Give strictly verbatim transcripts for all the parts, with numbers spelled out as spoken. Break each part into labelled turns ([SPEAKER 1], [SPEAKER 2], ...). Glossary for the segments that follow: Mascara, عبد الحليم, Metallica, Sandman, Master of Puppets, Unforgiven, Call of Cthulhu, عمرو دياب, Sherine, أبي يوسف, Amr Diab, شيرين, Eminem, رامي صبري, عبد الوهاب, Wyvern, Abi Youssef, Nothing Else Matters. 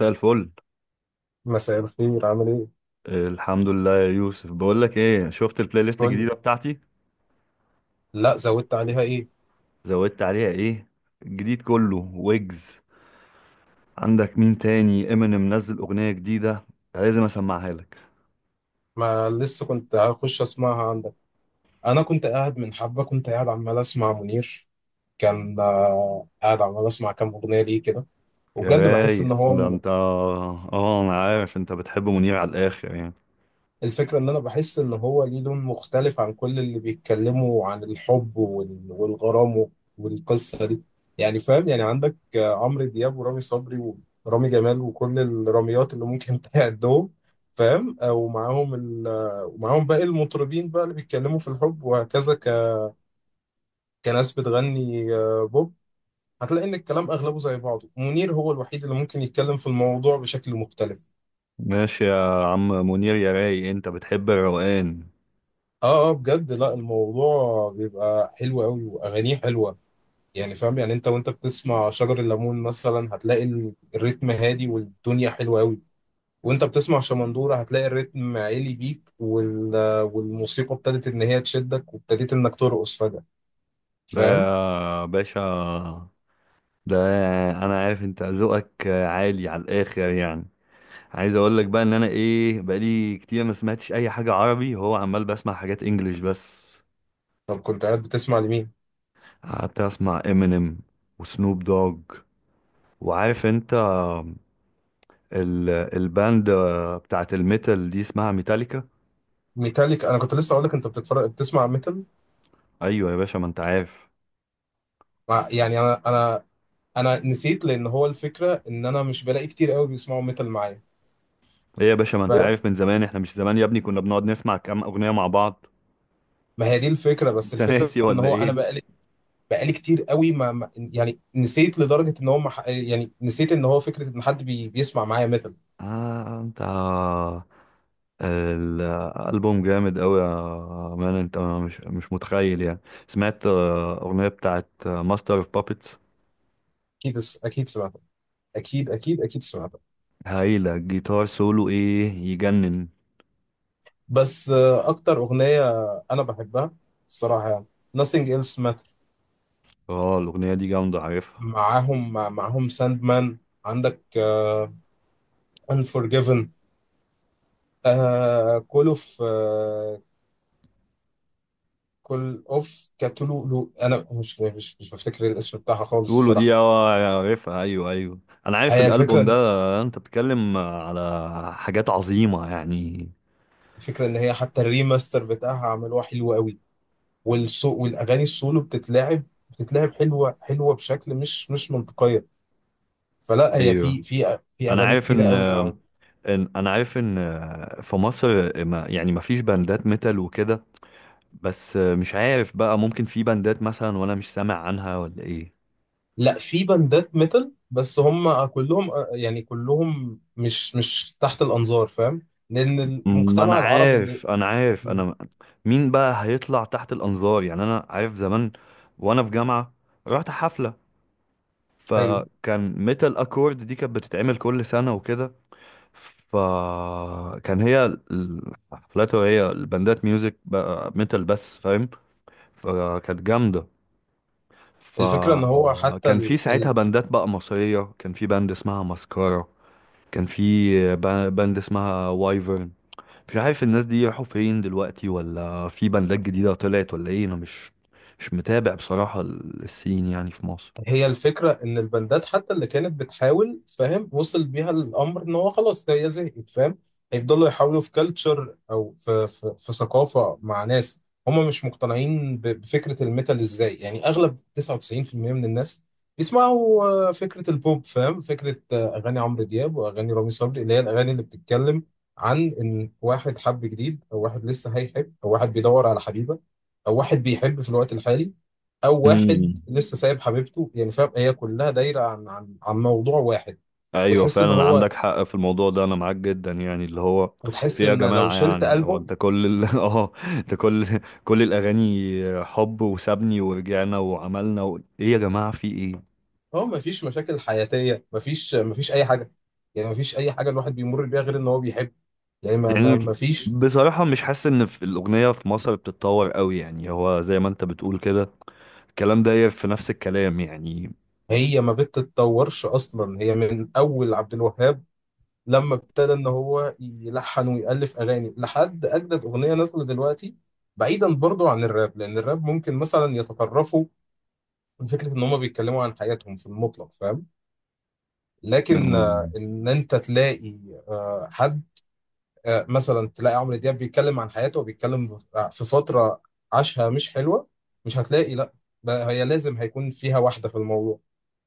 [SPEAKER 1] مساء الفل.
[SPEAKER 2] مساء الخير، عامل ايه؟
[SPEAKER 1] الحمد لله يا يوسف. بقول لك ايه، شفت البلاي ليست
[SPEAKER 2] قول لي.
[SPEAKER 1] الجديده بتاعتي؟
[SPEAKER 2] لا، زودت عليها ايه؟
[SPEAKER 1] زودت عليها ايه؟ الجديد كله ويجز. عندك مين تاني؟ امينيم نزل اغنيه جديده، لازم اسمعها لك.
[SPEAKER 2] ما لسه كنت هخش اسمعها عندك. انا كنت قاعد من حبه كنت قاعد عمال اسمع منير. كان آه، قاعد عمال اسمع كام اغنيه ليه كده.
[SPEAKER 1] يا
[SPEAKER 2] وبجد بحس ان
[SPEAKER 1] رايق، ده
[SPEAKER 2] هو...
[SPEAKER 1] انت اه انا عارف انت بتحب منير على الاخر يعني.
[SPEAKER 2] الفكرة إن أنا بحس إن هو ليه لون مختلف عن كل اللي بيتكلموا عن الحب وال- والغرام والقصة دي. يعني فاهم، يعني عندك آه، عمرو دياب، ورامي صبري، ورامي جمال، وكل الراميات اللي ممكن تعدهم. فاهم؟ آه، ومعاهم ال... آه، ومعاهم باقي المطربين بقى اللي بيتكلموا في الحب وهكذا ك... كناس بتغني آه، بوب. هتلاقي إن الكلام أغلبه زي بعضه. منير هو الوحيد اللي ممكن يتكلم في الموضوع بشكل مختلف.
[SPEAKER 1] ماشي يا عم منير، يا رايق انت بتحب الروقان.
[SPEAKER 2] اه، اه، بجد. لا، الموضوع بيبقى حلو قوي، واغانيه حلوه. يعني فاهم؟ يعني انت وانت بتسمع شجر الليمون مثلا هتلاقي ال- الريتم هادي والدنيا حلوة قوي. وانت بتسمع شمندورة هتلاقي الريتم عالي بيك وال... والموسيقى ابتدت ان هي تشدك، وابتديت انك ترقص فجأة.
[SPEAKER 1] ده
[SPEAKER 2] فاهم؟
[SPEAKER 1] يا باشا، ده انا عارف انت ذوقك عالي على الاخر يعني. عايز اقول لك بقى ان انا ايه، بقالي كتير ما سمعتش اي حاجه عربي، هو عمال بسمع حاجات انجليش بس.
[SPEAKER 2] طب كنت قاعد بتسمع لمين؟
[SPEAKER 1] قعدت اسمع امينيم وسنوب دوج، وعارف انت، ال الباند بتاعت الميتال دي اسمها ميتاليكا.
[SPEAKER 2] ميتاليك، انا كنت لسه اقول لك انت بتتفرج، بتسمع ميتال.
[SPEAKER 1] ايوه يا باشا، ما انت عارف.
[SPEAKER 2] مع- يعني انا انا انا نسيت، لان هو الفكرة ان انا مش بلاقي كتير قوي بيسمعوا ميتال معايا.
[SPEAKER 1] ايه يا باشا، ما انت
[SPEAKER 2] ف-
[SPEAKER 1] عارف من زمان، احنا مش زمان يا ابني كنا بنقعد نسمع كام اغنيه مع بعض؟
[SPEAKER 2] ما هي دي الفكرة. بس
[SPEAKER 1] انت
[SPEAKER 2] الفكرة
[SPEAKER 1] ناسي
[SPEAKER 2] ان
[SPEAKER 1] ولا
[SPEAKER 2] هو انا
[SPEAKER 1] ايه؟
[SPEAKER 2] بقى بقالي كتير قوي ما ما- يعني نسيت لدرجة ان هو مح... يعني نسيت ان هو فكرة ان حد بي... بيسمع معايا ميتال.
[SPEAKER 1] اه انت، الألبوم جامد أوي يا مان. أنت مش مش متخيل يعني. سمعت آه، أغنية بتاعت ماستر أوف بابتس،
[SPEAKER 2] اكيد، اكيد سمعتها. اكيد، اكيد، اكيد سمعتها.
[SPEAKER 1] هايلة. جيتار سولو إيه يجنن.
[SPEAKER 2] بس آه، اكتر اغنية انا بحبها الصراحة يعني Nothing Else Matter.
[SPEAKER 1] اه، الأغنية دي جامدة، عارفها.
[SPEAKER 2] معاهم مع... معاهم Sandman. عندك آه، Unforgiven. آه... Call of آه... Call of Cthulhu. انا مش مش مش بفتكر الاسم بتاعها خالص
[SPEAKER 1] سولو
[SPEAKER 2] الصراحة.
[SPEAKER 1] دي اه، عارفها، أيوه أيوه. أنا عارف
[SPEAKER 2] هي
[SPEAKER 1] الألبوم ده.
[SPEAKER 2] الفكرة
[SPEAKER 1] أنت بتتكلم على حاجات عظيمة يعني.
[SPEAKER 2] الفكرة ان هي حتى الريماستر بتاعها عملوها حلو قوي. والصو والاغاني السولو بتتلعب بتتلعب حلوه حلوه بشكل مش مش منطقيه. فلا هي
[SPEAKER 1] أيوه،
[SPEAKER 2] في في في
[SPEAKER 1] أنا
[SPEAKER 2] اغاني
[SPEAKER 1] عارف
[SPEAKER 2] كتيره
[SPEAKER 1] إن
[SPEAKER 2] قوي يعني.
[SPEAKER 1] إن- أنا عارف إن آه، في مصر، ما يعني ما فيش باندات ميتال وكده. بس مش عارف بقى، ممكن في بندات مثلا وانا مش سامع عنها ولا ايه؟
[SPEAKER 2] لا، في باندات ميتال، بس هم كلهم آه، يعني كلهم مش مش تحت الانظار، فاهم؟ لان
[SPEAKER 1] ما انا
[SPEAKER 2] المجتمع العربي اللي
[SPEAKER 1] عارف انا عارف
[SPEAKER 2] م،
[SPEAKER 1] انا مين بقى هيطلع تحت الانظار يعني. انا عارف زمان وانا في جامعة رحت حفلة،
[SPEAKER 2] حلو.
[SPEAKER 1] فكان ميتال اكورد دي كانت بتتعمل كل سنة وكده. فكان هي الحفلات، وهي البندات ميوزك بقى ميتال بس فاهم، فكانت جامدة.
[SPEAKER 2] الفكره ان هو حتى
[SPEAKER 1] فكان في ساعتها بندات بقى مصرية، كان في بند اسمها ماسكارا. كان في با- باند اسمها وايفرن. مش عارف الناس دي راحوا فين دلوقتي ولا في باندات جديدة طلعت ولا ايه، انا مش مش متابع بصراحة ال- السين يعني في مصر.
[SPEAKER 2] هي الفكرة إن البندات حتى اللي كانت بتحاول، فاهم؟ وصل بيها الأمر إن هو خلاص هي زهقت، فاهم؟ هيفضلوا يحاولوا في كلتشر، أو في, في, في ثقافة مع ناس هم مش مقتنعين ب- بفكرة الميتال. إزاي يعني؟ أغلب تسعة وتسعون في المئة من الناس بيسمعوا آه، فكرة البوب، فاهم؟ فكرة آه، أغاني عمرو دياب وأغاني رامي صبري، اللي هي الأغاني اللي بتتكلم عن إن واحد حب جديد، أو واحد لسه هيحب، أو واحد بيدور على حبيبة، أو واحد بيحب في الوقت الحالي، او واحد
[SPEAKER 1] امم،
[SPEAKER 2] لسه سايب حبيبته. يعني فاهم؟ هي كلها دايره عن عن عن موضوع واحد.
[SPEAKER 1] ايوه
[SPEAKER 2] وتحس ان
[SPEAKER 1] فعلا
[SPEAKER 2] هو...
[SPEAKER 1] عندك حق في الموضوع ده، انا معاك جدا يعني، اللي هو في
[SPEAKER 2] وتحس
[SPEAKER 1] يا
[SPEAKER 2] ان لو
[SPEAKER 1] جماعه.
[SPEAKER 2] شلت
[SPEAKER 1] يعني هو
[SPEAKER 2] البوم
[SPEAKER 1] انت كل ال... اه انت كل كل الاغاني حب وسابني ورجعنا وعملنا و... ايه يا جماعه، في ايه؟
[SPEAKER 2] هو، مفيش مشاكل حياتيه، مفيش، مفيش اي حاجه. يعني مفيش اي حاجه الواحد بيمر بيها غير ان هو بيحب. يعني ما ما
[SPEAKER 1] يعني
[SPEAKER 2] مفيش.
[SPEAKER 1] بصراحه مش حاسس ان في الاغنيه في مصر بتتطور قوي يعني. هو زي ما انت بتقول كده، الكلام ده في نفس الكلام يعني.
[SPEAKER 2] هي ما بتتطورش اصلا، هي من اول عبد الوهاب لما ابتدى ان هو يلحن ويالف اغاني لحد اجدد اغنيه نازله دلوقتي. بعيدا برضو عن الراب، لان الراب ممكن مثلا يتطرفوا فكرة إن هما بيتكلموا عن حياتهم في المطلق، فاهم؟ لكن آه،
[SPEAKER 1] أمم.
[SPEAKER 2] إن أنت تلاقي آه، حد آه، مثلا تلاقي عمرو دياب بيتكلم عن حياته وبيتكلم في فترة عاشها مش حلوة، مش هتلاقي. لا، بقى هي لازم هيكون فيها واحدة في الموضوع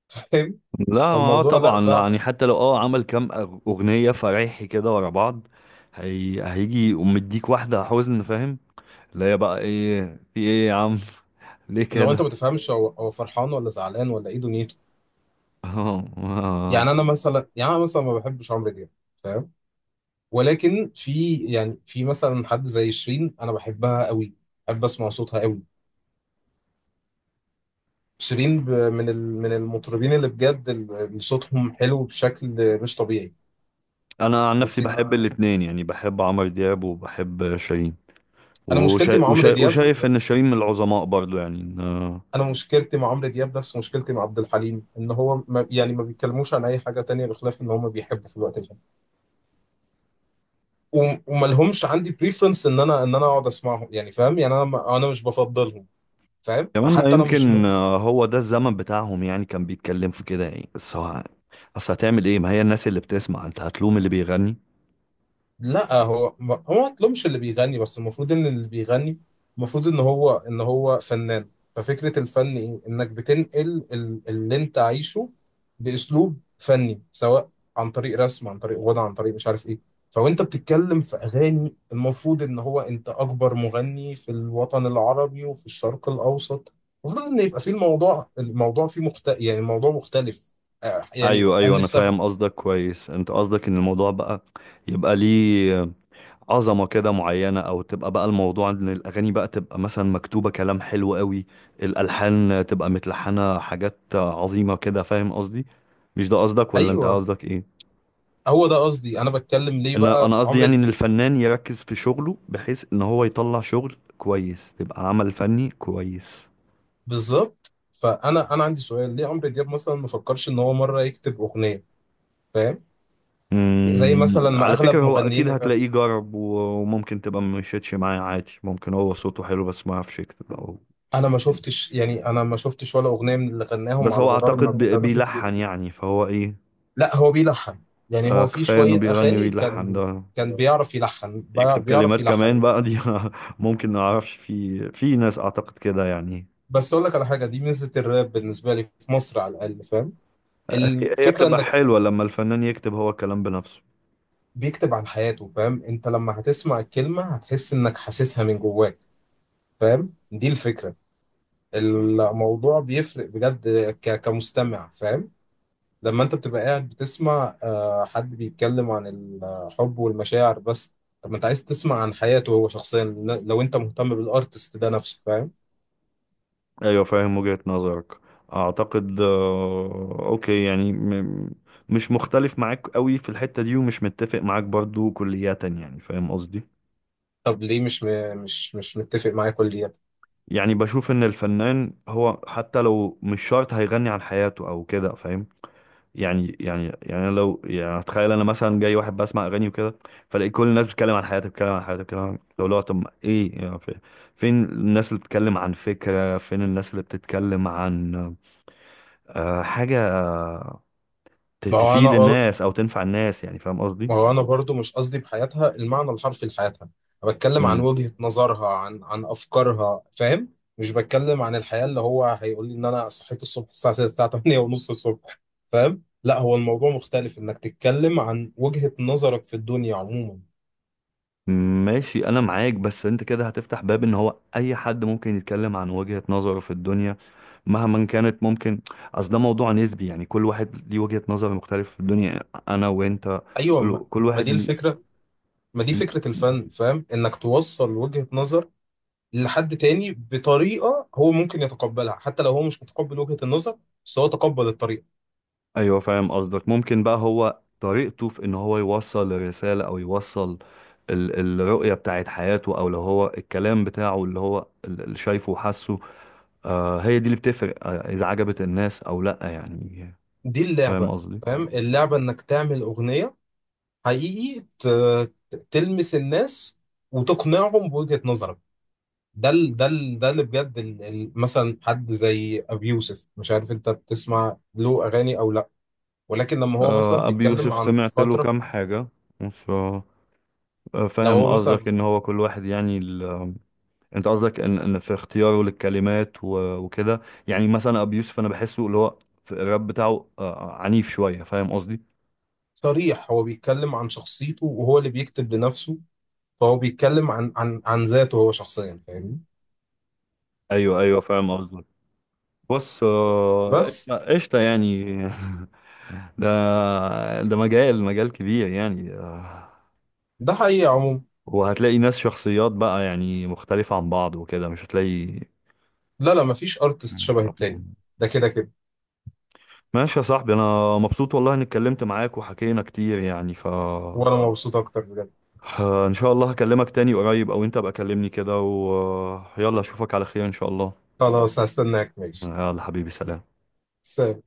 [SPEAKER 2] فاهم؟
[SPEAKER 1] لا، ما هو
[SPEAKER 2] فالموضوع لا
[SPEAKER 1] طبعا لا
[SPEAKER 2] صعب.
[SPEAKER 1] يعني. حتى لو اه عمل كام أغ- اغنيه فريحي كده ورا بعض، هي... هيجي ومديك واحده حزن، فاهم؟ اللي هي بقى ايه، في ايه يا عم، ليه
[SPEAKER 2] لو أنت
[SPEAKER 1] كده؟
[SPEAKER 2] ما تفهمش هو هو فرحان ولا زعلان ولا إيه دنيته.
[SPEAKER 1] اه آه.
[SPEAKER 2] يعني أنا مثلا، يعني أنا مثلا ما بحبش عمرو دياب، فاهم؟ ولكن في، يعني في مثلا حد زي شيرين أنا بحبها قوي، بحب أسمع صوتها قوي. شيرين ب- من ال- من المطربين اللي بجد ال- اللي صوتهم حلو بشكل مش طبيعي.
[SPEAKER 1] انا عن نفسي
[SPEAKER 2] وبت...
[SPEAKER 1] بحب الاتنين يعني، بحب عمرو دياب وبحب شيرين.
[SPEAKER 2] انا مشكلتي
[SPEAKER 1] وشا...
[SPEAKER 2] مع عمرو
[SPEAKER 1] وشا...
[SPEAKER 2] دياب
[SPEAKER 1] وشايف ان شيرين من العظماء برضو يعني آه.
[SPEAKER 2] انا مشكلتي مع عمرو دياب نفس مشكلتي مع عبد الحليم، ان هو ما يعني ما بيتكلموش عن اي حاجه تانية بخلاف ان هم بيحبوا في الوقت الحالي. وم- وما لهمش عندي بريفرنس ان انا ان انا اقعد اسمعهم، يعني فاهم؟ يعني انا ما- انا مش بفضلهم، فاهم؟
[SPEAKER 1] كمان ما
[SPEAKER 2] فحتى انا مش
[SPEAKER 1] يمكن
[SPEAKER 2] مت...
[SPEAKER 1] آه، هو ده الزمن بتاعهم يعني، كان بيتكلم في كده يعني. بس هو اصل هتعمل ايه، ما هي الناس اللي بتسمع، انت هتلوم اللي بيغني؟
[SPEAKER 2] لا هو ما- هو ما مطلوبش اللي بيغني، بس المفروض ان اللي بيغني، المفروض ان هو ان هو فنان. ففكرة الفن ايه؟ انك بتنقل ال- اللي انت عايشه باسلوب فني، سواء عن طريق رسم، عن طريق غنى، عن طريق مش عارف ايه. فوانت بتتكلم في اغاني، المفروض ان هو انت اكبر مغني في الوطن العربي وفي الشرق الاوسط، المفروض ان يبقى فيه الموضوع، الموضوع فيه مخت... يعني الموضوع مختلف. آه، يعني
[SPEAKER 1] ايوه ايوه،
[SPEAKER 2] انا
[SPEAKER 1] انا
[SPEAKER 2] نفسي
[SPEAKER 1] فاهم
[SPEAKER 2] أف-
[SPEAKER 1] قصدك كويس. انت قصدك ان الموضوع بقى، يبقى ليه عظمة كده معينة، او تبقى بقى الموضوع ان الاغاني بقى تبقى مثلا مكتوبة كلام حلو قوي، الالحان تبقى متلحنة حاجات عظيمة كده، فاهم قصدي؟ مش ده قصدك ولا انت
[SPEAKER 2] ايوه،
[SPEAKER 1] قصدك ايه؟
[SPEAKER 2] هو ده قصدي. انا بتكلم ليه
[SPEAKER 1] انا
[SPEAKER 2] بقى
[SPEAKER 1] انا قصدي
[SPEAKER 2] عمرو
[SPEAKER 1] يعني ان
[SPEAKER 2] دياب؟
[SPEAKER 1] الفنان يركز في شغله، بحيث ان هو يطلع شغل كويس، تبقى عمل فني كويس.
[SPEAKER 2] بالظبط. فانا انا عندي سؤال، ليه عمرو دياب مثلا ما فكرش ان هو مره يكتب اغنيه؟ فاهم؟ زي
[SPEAKER 1] امم
[SPEAKER 2] مثلا ما
[SPEAKER 1] على فكرة،
[SPEAKER 2] اغلب
[SPEAKER 1] هو اكيد
[SPEAKER 2] مغنيين.
[SPEAKER 1] هتلاقيه جرب و- وممكن تبقى مشيتش معاه عادي. ممكن هو صوته حلو بس ما يعرفش يكتب او
[SPEAKER 2] انا ما
[SPEAKER 1] كده.
[SPEAKER 2] شفتش يعني انا ما شفتش ولا اغنيه من اللي غناهم
[SPEAKER 1] بس
[SPEAKER 2] على
[SPEAKER 1] هو
[SPEAKER 2] مدار ما
[SPEAKER 1] اعتقد بي-
[SPEAKER 2] ابتدى.
[SPEAKER 1] بيلحن يعني، فهو ايه،
[SPEAKER 2] لا هو بيلحن، يعني
[SPEAKER 1] آه،
[SPEAKER 2] هو في
[SPEAKER 1] كفاية انه
[SPEAKER 2] شويه
[SPEAKER 1] بيغني
[SPEAKER 2] اغاني
[SPEAKER 1] ويلحن
[SPEAKER 2] كان
[SPEAKER 1] ده.
[SPEAKER 2] كان بيعرف يلحن، بي-
[SPEAKER 1] يكتب
[SPEAKER 2] بيعرف
[SPEAKER 1] كلمات كمان
[SPEAKER 2] يلحن.
[SPEAKER 1] بقى دي ممكن، ما اعرفش، في في ناس اعتقد كده يعني.
[SPEAKER 2] بس اقول لك على حاجه، دي ميزه الراب بالنسبه لي في مصر على الاقل، فاهم؟
[SPEAKER 1] هي هي
[SPEAKER 2] الفكره
[SPEAKER 1] بتبقى
[SPEAKER 2] انك
[SPEAKER 1] حلوة لما الفنان يكتب هو الكلام بنفسه.
[SPEAKER 2] بيكتب عن حياته، فاهم؟ انت لما هتسمع الكلمة هتحس انك حاسسها من جواك. فاهم؟ دي الفكرة. الموضوع بيفرق بجد ك- كمستمع، فاهم؟ لما انت بتبقى قاعد بتسمع آه، حد بيتكلم عن الحب والمشاعر بس. طب ما انت عايز تسمع عن حياته هو شخصيا، ل- لو انت مهتم بالارتست ده نفسه، فاهم؟
[SPEAKER 1] ايوه، فاهم وجهة نظرك. اعتقد آه، اوكي يعني، م- مش مختلف معاك قوي في الحتة دي، ومش متفق معاك برضو كلية يعني، فاهم قصدي؟
[SPEAKER 2] طب ليه مش م- مش مش متفق معايا كليا؟
[SPEAKER 1] يعني بشوف ان الفنان هو حتى لو مش شرط هيغني عن حياته او كده فاهم. يعني يعني يعني أنا لو يعني اتخيل انا مثلا جاي واحد بسمع اغاني وكده، فلاقي كل الناس بتتكلم عن حياتها بتتكلم عن حياتها بتتكلم عن لو لا، طب ايه يعني، في- فين الناس اللي بتتكلم عن فكرة، فين الناس اللي بتتكلم عن آه، حاجة ت-
[SPEAKER 2] ما هو انا
[SPEAKER 1] تفيد الناس او تنفع الناس، يعني فاهم قصدي؟
[SPEAKER 2] ما هو انا برضو مش قصدي بحياتها المعنى الحرفي لحياتها، انا بتكلم عن
[SPEAKER 1] امم،
[SPEAKER 2] وجهة نظرها، عن عن افكارها، فاهم؟ مش بتكلم عن الحياة اللي هو هيقول لي ان انا صحيت الصبح الساعة ستة، الساعة الثامنة ونص الصبح. فاهم؟ لا هو الموضوع مختلف، انك تتكلم عن وجهة نظرك في الدنيا عموما.
[SPEAKER 1] ماشي انا معاك. بس انت كده هتفتح باب ان هو اي حد ممكن يتكلم عن وجهة نظره في الدنيا مهما كانت ممكن. اصل ده موضوع نسبي يعني، كل واحد ليه وجهة نظر مختلفة في الدنيا، انا وانت،
[SPEAKER 2] ايوه، ما,
[SPEAKER 1] كل كل
[SPEAKER 2] ما
[SPEAKER 1] واحد
[SPEAKER 2] دي
[SPEAKER 1] ليه
[SPEAKER 2] الفكرة، ما دي
[SPEAKER 1] ليه-
[SPEAKER 2] فكرة الفن. فاهم؟ انك توصل وجهة نظر لحد تاني بطريقة هو ممكن يتقبلها، حتى لو هو مش متقبل وجهة النظر، بس هو تقبل الطريقة.
[SPEAKER 1] ايوه، فاهم قصدك. ممكن بقى هو طريقته في ان هو يوصل الرسالة او يوصل ال- الرؤية بتاعت حياته، او لو هو الكلام بتاعه اللي هو اللي شايفه وحاسه، آه هي دي اللي بتفرق آه إذا عجبت الناس أو لأ يعني،
[SPEAKER 2] دي
[SPEAKER 1] فاهم
[SPEAKER 2] اللعبة،
[SPEAKER 1] قصدي؟
[SPEAKER 2] فاهم؟ اللعبة انك تعمل اغنية حقيقي ت- تلمس الناس وتقنعهم بوجهة نظرك. ده ال ده ال ده اللي بجد ال ال مثلا حد زي ابي يوسف، مش عارف انت بتسمع له اغاني او لا، ولكن لما هو مثلا
[SPEAKER 1] آه، أبي
[SPEAKER 2] بيتكلم
[SPEAKER 1] يوسف
[SPEAKER 2] عن
[SPEAKER 1] سمعت له
[SPEAKER 2] فترة
[SPEAKER 1] كام حاجة. ف- آه، آه،
[SPEAKER 2] لو
[SPEAKER 1] فاهم
[SPEAKER 2] هو
[SPEAKER 1] قصدك
[SPEAKER 2] مثلا،
[SPEAKER 1] إن هو كل واحد يعني ال... آه، أنت قصدك إن إن في اختياره للكلمات و... وكده. يعني مثلا أبي يوسف أنا بحسه اللي هو في الراب بتاعه، آه آه، عنيف شوية، فاهم قصدي؟
[SPEAKER 2] صريح. هو بيتكلم عن شخصيته وهو اللي بيكتب لنفسه، فهو بيتكلم عن عن عن ذاته هو شخصيا، فاهمني؟
[SPEAKER 1] أيوه أيوه، فاهم قصدك. بص آه،
[SPEAKER 2] بس
[SPEAKER 1] قشطة قشطة يعني. ده ده مجال مجال كبير يعني آه،
[SPEAKER 2] ده حقيقي عموما.
[SPEAKER 1] وهتلاقي ناس، شخصيات بقى يعني مختلفة عن بعض وكده، مش هتلاقي
[SPEAKER 2] لا لا، مفيش ارتست
[SPEAKER 1] يعني
[SPEAKER 2] شبه
[SPEAKER 1] خط.
[SPEAKER 2] التاني، ده كده كده.
[SPEAKER 1] ماشي يا صاحبي، انا مبسوط والله اني اتكلمت معاك وحكينا كتير يعني، ف
[SPEAKER 2] وانا مبسوط اكتر بجد.
[SPEAKER 1] ه- ان شاء الله هكلمك تاني قريب، او انت بقى كلمني كده، ويلا اشوفك على خير ان شاء الله.
[SPEAKER 2] خلاص، هستناك، ماشي.
[SPEAKER 1] يلا حبيبي، سلام.
[SPEAKER 2] سلام.